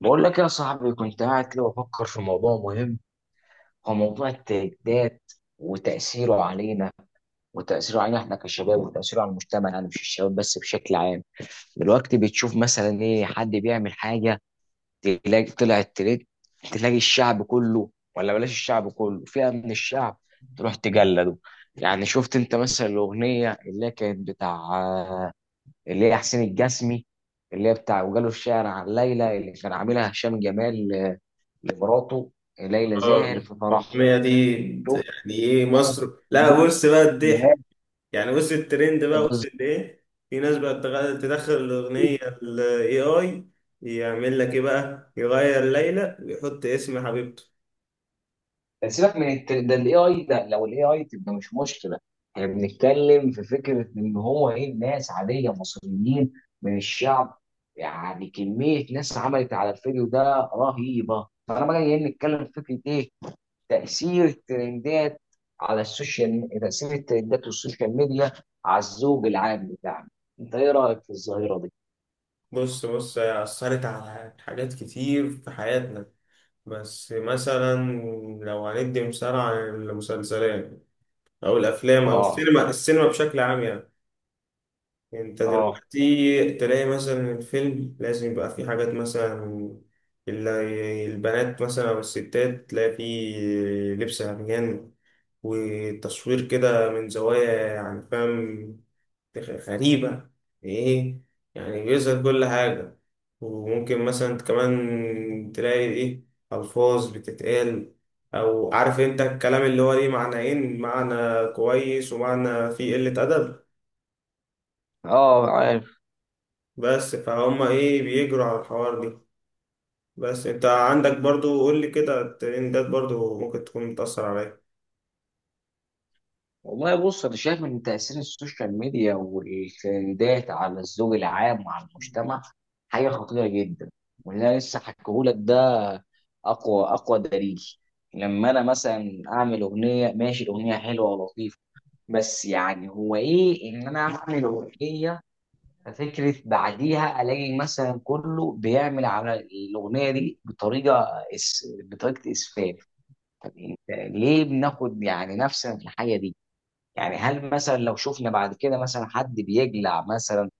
بقول لك يا صاحبي، كنت قاعد كده بفكر في موضوع مهم. هو موضوع التهديدات وتأثيره علينا. وتأثيره علينا احنا كشباب، وتأثيره على المجتمع. يعني مش الشباب بس، بشكل عام. دلوقتي بتشوف مثلا ايه، حد بيعمل حاجة تلاقي طلع الترند، تلاقي الشعب كله، ولا بلاش الشعب كله، فئة من الشعب تروح تجلده. يعني شفت انت مثلا الأغنية اللي هي كانت بتاع، اللي هي حسين الجسمي، اللي هي بتاع وجاله الشعر عن ليلى اللي كان عاملها هشام جمال لمراته، ليلى اه زاهر في فرحهم. التنمية دي شوف يعني ايه مصر؟ لا، بص بقى بقى. الضحك. يعني بص الترند بقى وصل بالظبط. لايه؟ في ناس بقى تدخل الأغنية الاي اي، يعمل لك ايه بقى؟ يغير ليلى ويحط اسم حبيبته. سيبك من ده الاي اي ده، لو الاي اي تبقى مش مشكله. احنا بنتكلم في فكره ان هو ايه، ناس عاديه مصريين من الشعب. يعني كميه ناس عملت على الفيديو ده رهيبه، فانا بقى جاي نتكلم في فكره ايه تاثير الترندات على السوشيال، تاثير الترندات والسوشيال ميديا على الذوق العام بتاعنا. انت ايه رايك في الظاهره دي؟ بص هي أثرت على حاجات كتير في حياتنا، بس مثلا لو هندي مثال عن المسلسلات أو الأفلام أو اه. السينما بشكل عام يعني. انت اه. دلوقتي تلاقي مثلا الفيلم لازم يبقى فيه حاجات مثلا، البنات مثلا او الستات تلاقي فيه لبس عريان، وتصوير كده من زوايا يعني فاهم، غريبة، ايه، يعني بيظهر كل حاجة. وممكن مثلا كمان تلاقي ايه، ألفاظ بتتقال، أو عارف انت الكلام اللي هو ليه معنيين، معنى كويس ومعنى فيه قلة أدب، اه عارف. بس فهم ايه بيجروا على الحوار دي. بس انت عندك برضو، قول لي كده، الترندات برضو ممكن تكون بتأثر عليا؟ والله بص، انا شايف ان تاثير السوشيال ميديا والترندات على الذوق العام وعلى المجتمع حاجه خطيره جدا. واللي انا لسه حكيهولك ده اقوى دليل. لما انا مثلا اعمل اغنيه، ماشي، الاغنيه حلوه ولطيفه، بس يعني هو ايه ان انا اعمل اغنيه، ففكره بعديها الاقي مثلا كله بيعمل على الاغنيه دي بطريقه بطريقه اسفاف. طب انت ليه بناخد يعني نفسنا في الحاجه دي؟ يعني هل مثلا لو شفنا بعد كده مثلا حد بيجلع مثلا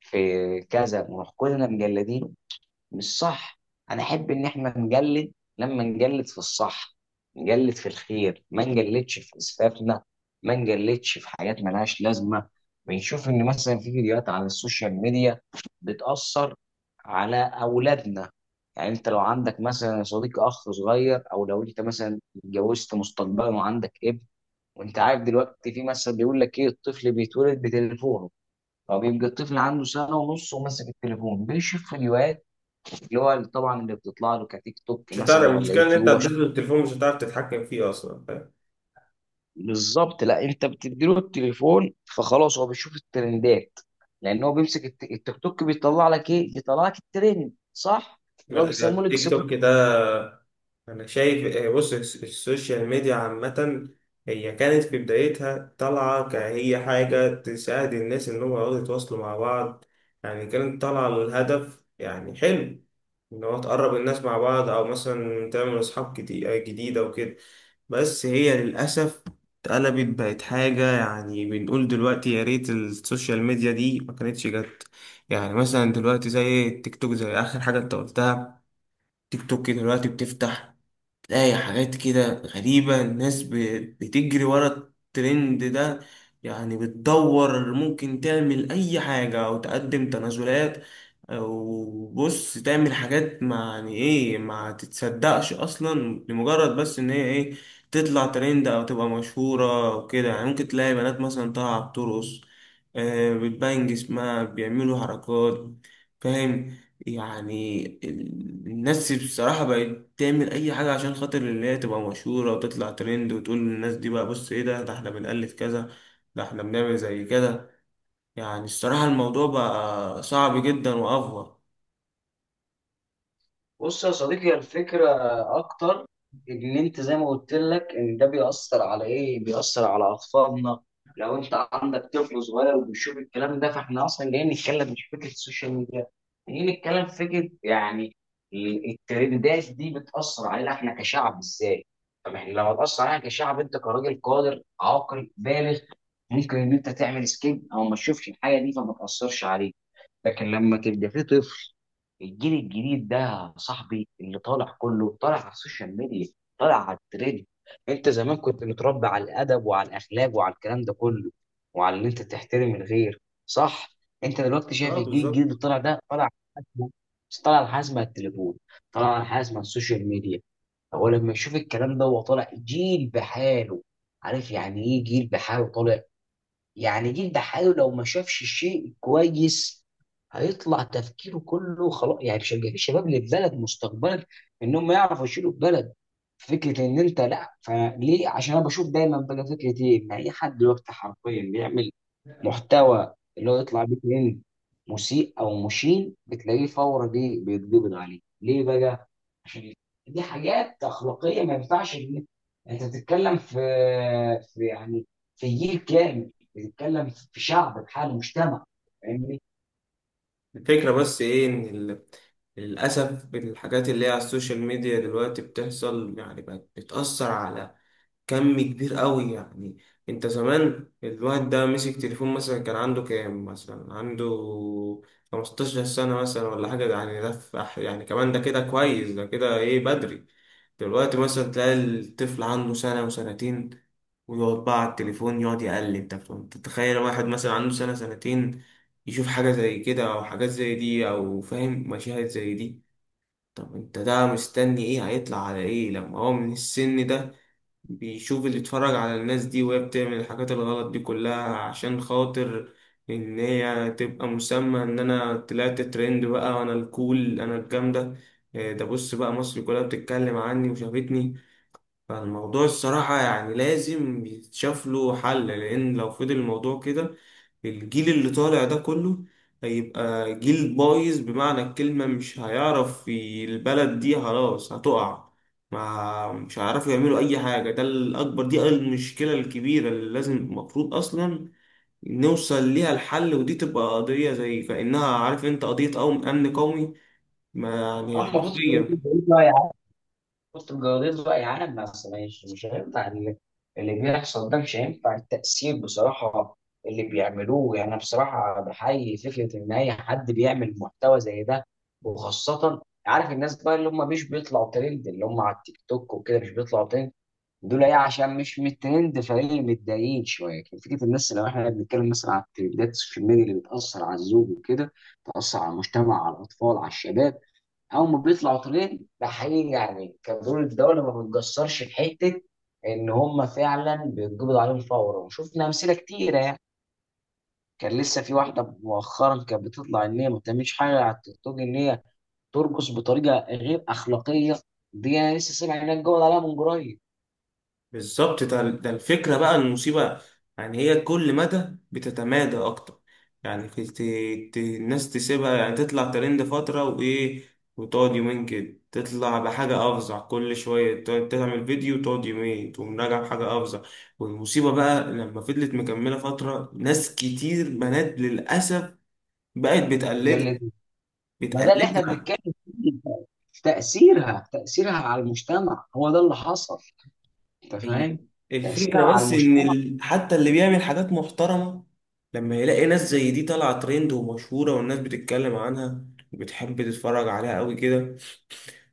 في كذا، ونروح كلنا مجلدين؟ مش صح. انا احب ان احنا نجلد لما نجلد في الصح، نجلد في الخير، ما نجلدش في اسفافنا، ما نجلدش في حاجات ملهاش لازمه. بنشوف ان مثلا في فيديوهات على السوشيال ميديا بتاثر على اولادنا. يعني انت لو عندك مثلا يا صديقي اخ صغير، او لو انت مثلا اتجوزت مستقبلا وعندك ابن، وانت عارف دلوقتي في مثل بيقول لك ايه، الطفل بيتولد بتليفونه. هو بيبقى الطفل عنده سنه ونص وماسك التليفون بيشوف فيديوهات، اللي هو طبعا اللي بتطلع له كتيك توك مش هتعرف، مثلا ولا المشكلة ان انت يوتيوب هتدوس التليفون مش هتعرف تتحكم فيه اصلا، فاهم؟ بالظبط. لا انت بتديله التليفون فخلاص هو بيشوف الترندات، لان هو بيمسك التيك توك بيطلع لك ايه، بيطلع لك الترند، صح؟ اللي هو بيسموه. تيك توك ده أنا شايف آه. بص السوشيال ميديا عامة هي كانت في بدايتها طالعة كهي حاجة تساعد الناس إن هم يقعدوا يتواصلوا مع بعض. يعني كانت طالعة للهدف يعني حلو، إن هو تقرب الناس مع بعض أو مثلا تعمل أصحاب جديدة وكده. بس هي للأسف اتقلبت بقت حاجة يعني بنقول دلوقتي يا ريت السوشيال ميديا دي ما كانتش جت. يعني مثلا دلوقتي زي التيك توك، زي آخر حاجة أنت قلتها، تيك توك دلوقتي بتفتح تلاقي حاجات كده غريبة، الناس بتجري ورا الترند ده. يعني بتدور ممكن تعمل أي حاجة أو تقدم تنازلات، أو بص تعمل حاجات ما يعني إيه ما تتصدقش أصلا، لمجرد بس إن هي إيه، تطلع ترند أو تبقى مشهورة وكده. يعني ممكن تلاقي بنات مثلا طالعة بترقص آه، بتبان جسمها، بيعملوا حركات، فاهم؟ يعني الناس بصراحة بقت تعمل أي حاجة عشان خاطر اللي هي تبقى مشهورة وتطلع ترند، وتقول للناس دي بقى بص إيه ده، ده إحنا بنألف كذا، ده إحنا بنعمل زي كده. يعني الصراحة الموضوع بقى صعب جدا وأفور. بص يا صديقي، الفكرة أكتر إن أنت زي ما قلت لك إن ده بيأثر على إيه؟ بيأثر على أطفالنا. لو أنت عندك طفل صغير وبيشوف الكلام ده، فإحنا أصلا جايين نتكلم مش فكرة السوشيال ميديا، جايين نتكلم في فكرة يعني الترندات دي بتأثر علينا إحنا كشعب إزاي؟ طب إحنا لو هتأثر علينا كشعب، أنت كراجل قادر عاقل بالغ ممكن إن أنت تعمل سكيب أو ما تشوفش الحاجة دي فما تأثرش عليك. لكن لما تبقى في طفل، الجيل الجديد ده يا صاحبي اللي طالع كله طالع على السوشيال ميديا، طالع على الترند. انت زمان كنت متربي على الادب وعلى الاخلاق وعلى الكلام ده كله، وعلى ان انت تحترم الغير، صح؟ انت دلوقتي شايف اه الجيل الجديد بالظبط. اللي طالع ده طالع على حاجة- طالع على حاجه اسمها التليفون، طالع على حاجه اسمها السوشيال ميديا. هو لما يشوف الكلام ده هو طالع جيل بحاله. عارف يعني ايه جيل بحاله طالع؟ يعني جيل دحاله لو ما شافش الشيء كويس، هيطلع تفكيره كله خلاص، يعني مش هيبقى في شباب للبلد مستقبلا ان هم يعرفوا يشيلوا البلد. فكره ان انت لا فليه، عشان انا بشوف دايما بقى فكره ايه، ان اي حد دلوقتي حرفيا بيعمل محتوى اللي هو يطلع بيه ترند مسيء او مشين، بتلاقيه فورا دي بيتقبض عليه، ليه بقى؟ عشان دي حاجات اخلاقيه، ما ينفعش إن انت تتكلم في، في يعني، في جيل كامل، بتتكلم في شعب بحاله، مجتمع. فاهمني؟ الفكرة بس ايه ان للأسف الحاجات اللي هي على السوشيال ميديا دلوقتي بتحصل يعني بقت بتأثر على كم كبير قوي يعني. انت زمان الواحد ده مسك تليفون مثلا كان عنده كام، مثلا عنده 15 سنة مثلا ولا حاجة، ده يعني ده في يعني كمان ده كده كويس، ده كده ايه بدري. دلوقتي مثلا تلاقي الطفل عنده سنة وسنتين ويقعد بقى على التليفون يقعد يقلب. طب انت تتخيل واحد مثلا عنده سنة سنتين يشوف حاجة زي كده أو حاجات زي دي أو فاهم مشاهد زي دي؟ طب انت ده مستني ايه هيطلع على ايه لما هو من السن ده بيشوف، اللي اتفرج على الناس دي وهي بتعمل الحاجات الغلط دي كلها عشان خاطر ان هي تبقى مسمى ان انا طلعت ترند بقى، وانا الكول انا الجامدة، إيه ده بص بقى مصر كلها بتتكلم عني وشافتني. فالموضوع الصراحة يعني لازم يتشاف له حل، لان لو فضل الموضوع كده الجيل اللي طالع ده كله هيبقى جيل بايظ بمعنى الكلمة، مش هيعرف البلد دي خلاص هتقع، ما مش هيعرفوا يعملوا أي حاجة. ده الأكبر، دي المشكلة الكبيرة اللي لازم المفروض أصلا نوصل ليها الحل، ودي تبقى قضية زي كأنها، عارف أنت، قضية قوم أمن قومي، ما يعني اما بص حرفيا. الجواليز بقى يا عم، بص الجواليز بقى يا عالم، بس مش هينفع اللي بيحصل ده. مش هينفع التأثير بصراحة اللي بيعملوه. يعني أنا بصراحة بحيي فكرة إن أي حد بيعمل محتوى زي ده، وخاصة عارف الناس بقى اللي هم مش بيطلعوا ترند، اللي هم على التيك توك وكده مش بيطلعوا ترند، دول ايه عشان مش من الترند فايه متضايقين شويه. لكن فكره الناس، لو احنا بنتكلم مثلا عن الترندات السوشيال ميديا اللي بتاثر على الزوج وكده، بتاثر على المجتمع، على الاطفال، على الشباب، اول ما بيطلعوا ترند ده حقيقي يعني كدول الدوله ما بتقصرش في حته، ان هم فعلا بيتقبض عليهم فورا. وشفنا امثله كتيره يعني، كان لسه في واحده مؤخرا كانت بتطلع ان هي ما بتعملش حاجه على التيك توك ان هي ترقص بطريقه غير اخلاقيه، دي انا لسه سامع انها اتقبض عليها من قريب. بالظبط، ده الفكرة بقى، المصيبة، يعني هي كل مدى بتتمادى أكتر. يعني الناس تسيبها يعني تطلع ترند فترة وإيه، وتقعد يومين كده تطلع بحاجة أفظع، كل شوية تعمل فيديو وتقعد يومين تقوم راجع بحاجة أفظع. والمصيبة بقى لما فضلت مكملة فترة، ناس كتير بنات للأسف بقت قال لي. بتقلدها، ما ده اللي احنا بتقلدها. بنتكلم فيه، تأثيرها على المجتمع، هو ده اللي حصل. انت هي فاهم؟ تأثيرها الفكرة على بس إن المجتمع. حتى اللي بيعمل حاجات محترمة لما يلاقي ناس زي دي طالعة ترند ومشهورة والناس بتتكلم عنها وبتحب تتفرج عليها قوي كده،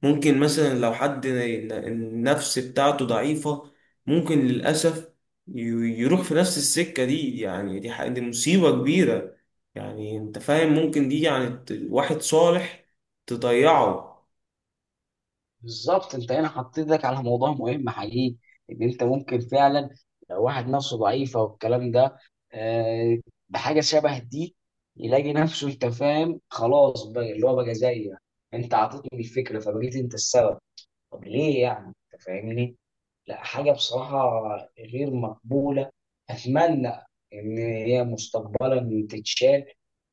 ممكن مثلا لو حد النفس بتاعته ضعيفة ممكن للأسف ي- يروح في نفس السكة دي. يعني دي، دي مصيبة كبيرة. يعني أنت فاهم ممكن دي يعني واحد صالح تضيعه. بالظبط، انت هنا حطيت ايدك على موضوع مهم حقيقي. ان انت ممكن فعلا لو واحد نفسه ضعيفة والكلام ده، آه، بحاجة شبه دي، يلاقي نفسه انت فاهم خلاص بقى اللي هو بقى زيك. انت عطيتني الفكرة فبقيت انت السبب. طب ليه يعني؟ انت فاهمني. لا، حاجة بصراحة غير مقبولة. أتمنى إن هي مستقبلا تتشال.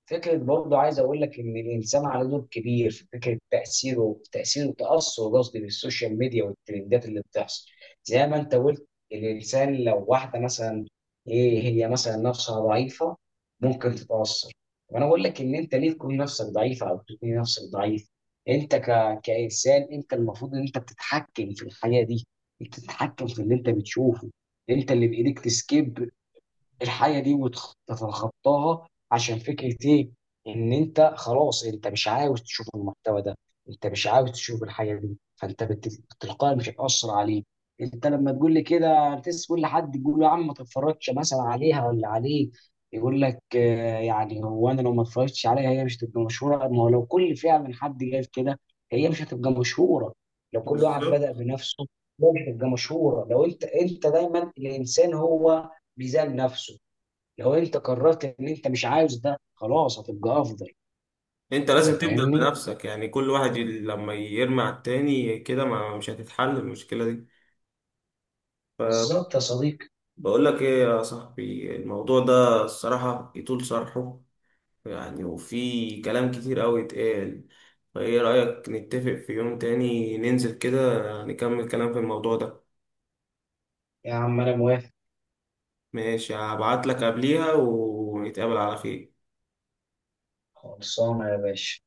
فكرة برضه عايز أقول لك إن الإنسان على دور كبير في فكرة تأثيره، تأثير وتأثر قصدي، بالسوشيال ميديا والترندات اللي بتحصل. زي ما أنت قلت، الإنسان لو واحدة مثلا إيه هي مثلا نفسها ضعيفة، ممكن تتأثر. وأنا أقول لك إن أنت ليه تكون نفسك ضعيفة أو تكون نفسك ضعيف؟ أنت كإنسان أنت المفروض إن أنت بتتحكم في الحياة دي، بتتحكم في اللي انت بتشوفه. انت اللي بايديك تسكيب الحاجه دي وتتخطاها، عشان فكره ايه، ان انت خلاص انت مش عاوز تشوف المحتوى ده، انت مش عاوز تشوف الحاجه دي، تلقائي مش هتاثر عليك. انت لما تقول لي كده، تسال كل حد يقول له يا عم ما تتفرجش مثلا عليها ولا عليه، يقول لك آه، يعني هو انا لو ما اتفرجتش عليها هي مش هتبقى مشهوره، ما هو لو كل فعلا حد قال كده هي مش هتبقى مشهوره. لو كل واحد بالظبط. بدأ بنفسه، هي مش هتبقى مشهوره. لو انت، انت دايما الانسان هو ميزان نفسه. لو انت قررت ان انت مش عاوز ده، خلاص هتبقى افضل. انت انت لازم تبدأ فاهمني؟ بنفسك، يعني كل واحد لما يرمي على التاني كده ما مش هتتحل المشكلة دي. بالظبط يا صديقي. بقول لك ايه يا صاحبي، الموضوع ده الصراحة يطول شرحه، يعني وفي كلام كتير قوي اتقال، فايه رأيك نتفق في يوم تاني ننزل كده نكمل كلام في الموضوع ده؟ يا عم انا موافق. ماشي، هبعت لك قبليها ونتقابل على خير. خلصانه يا باشا.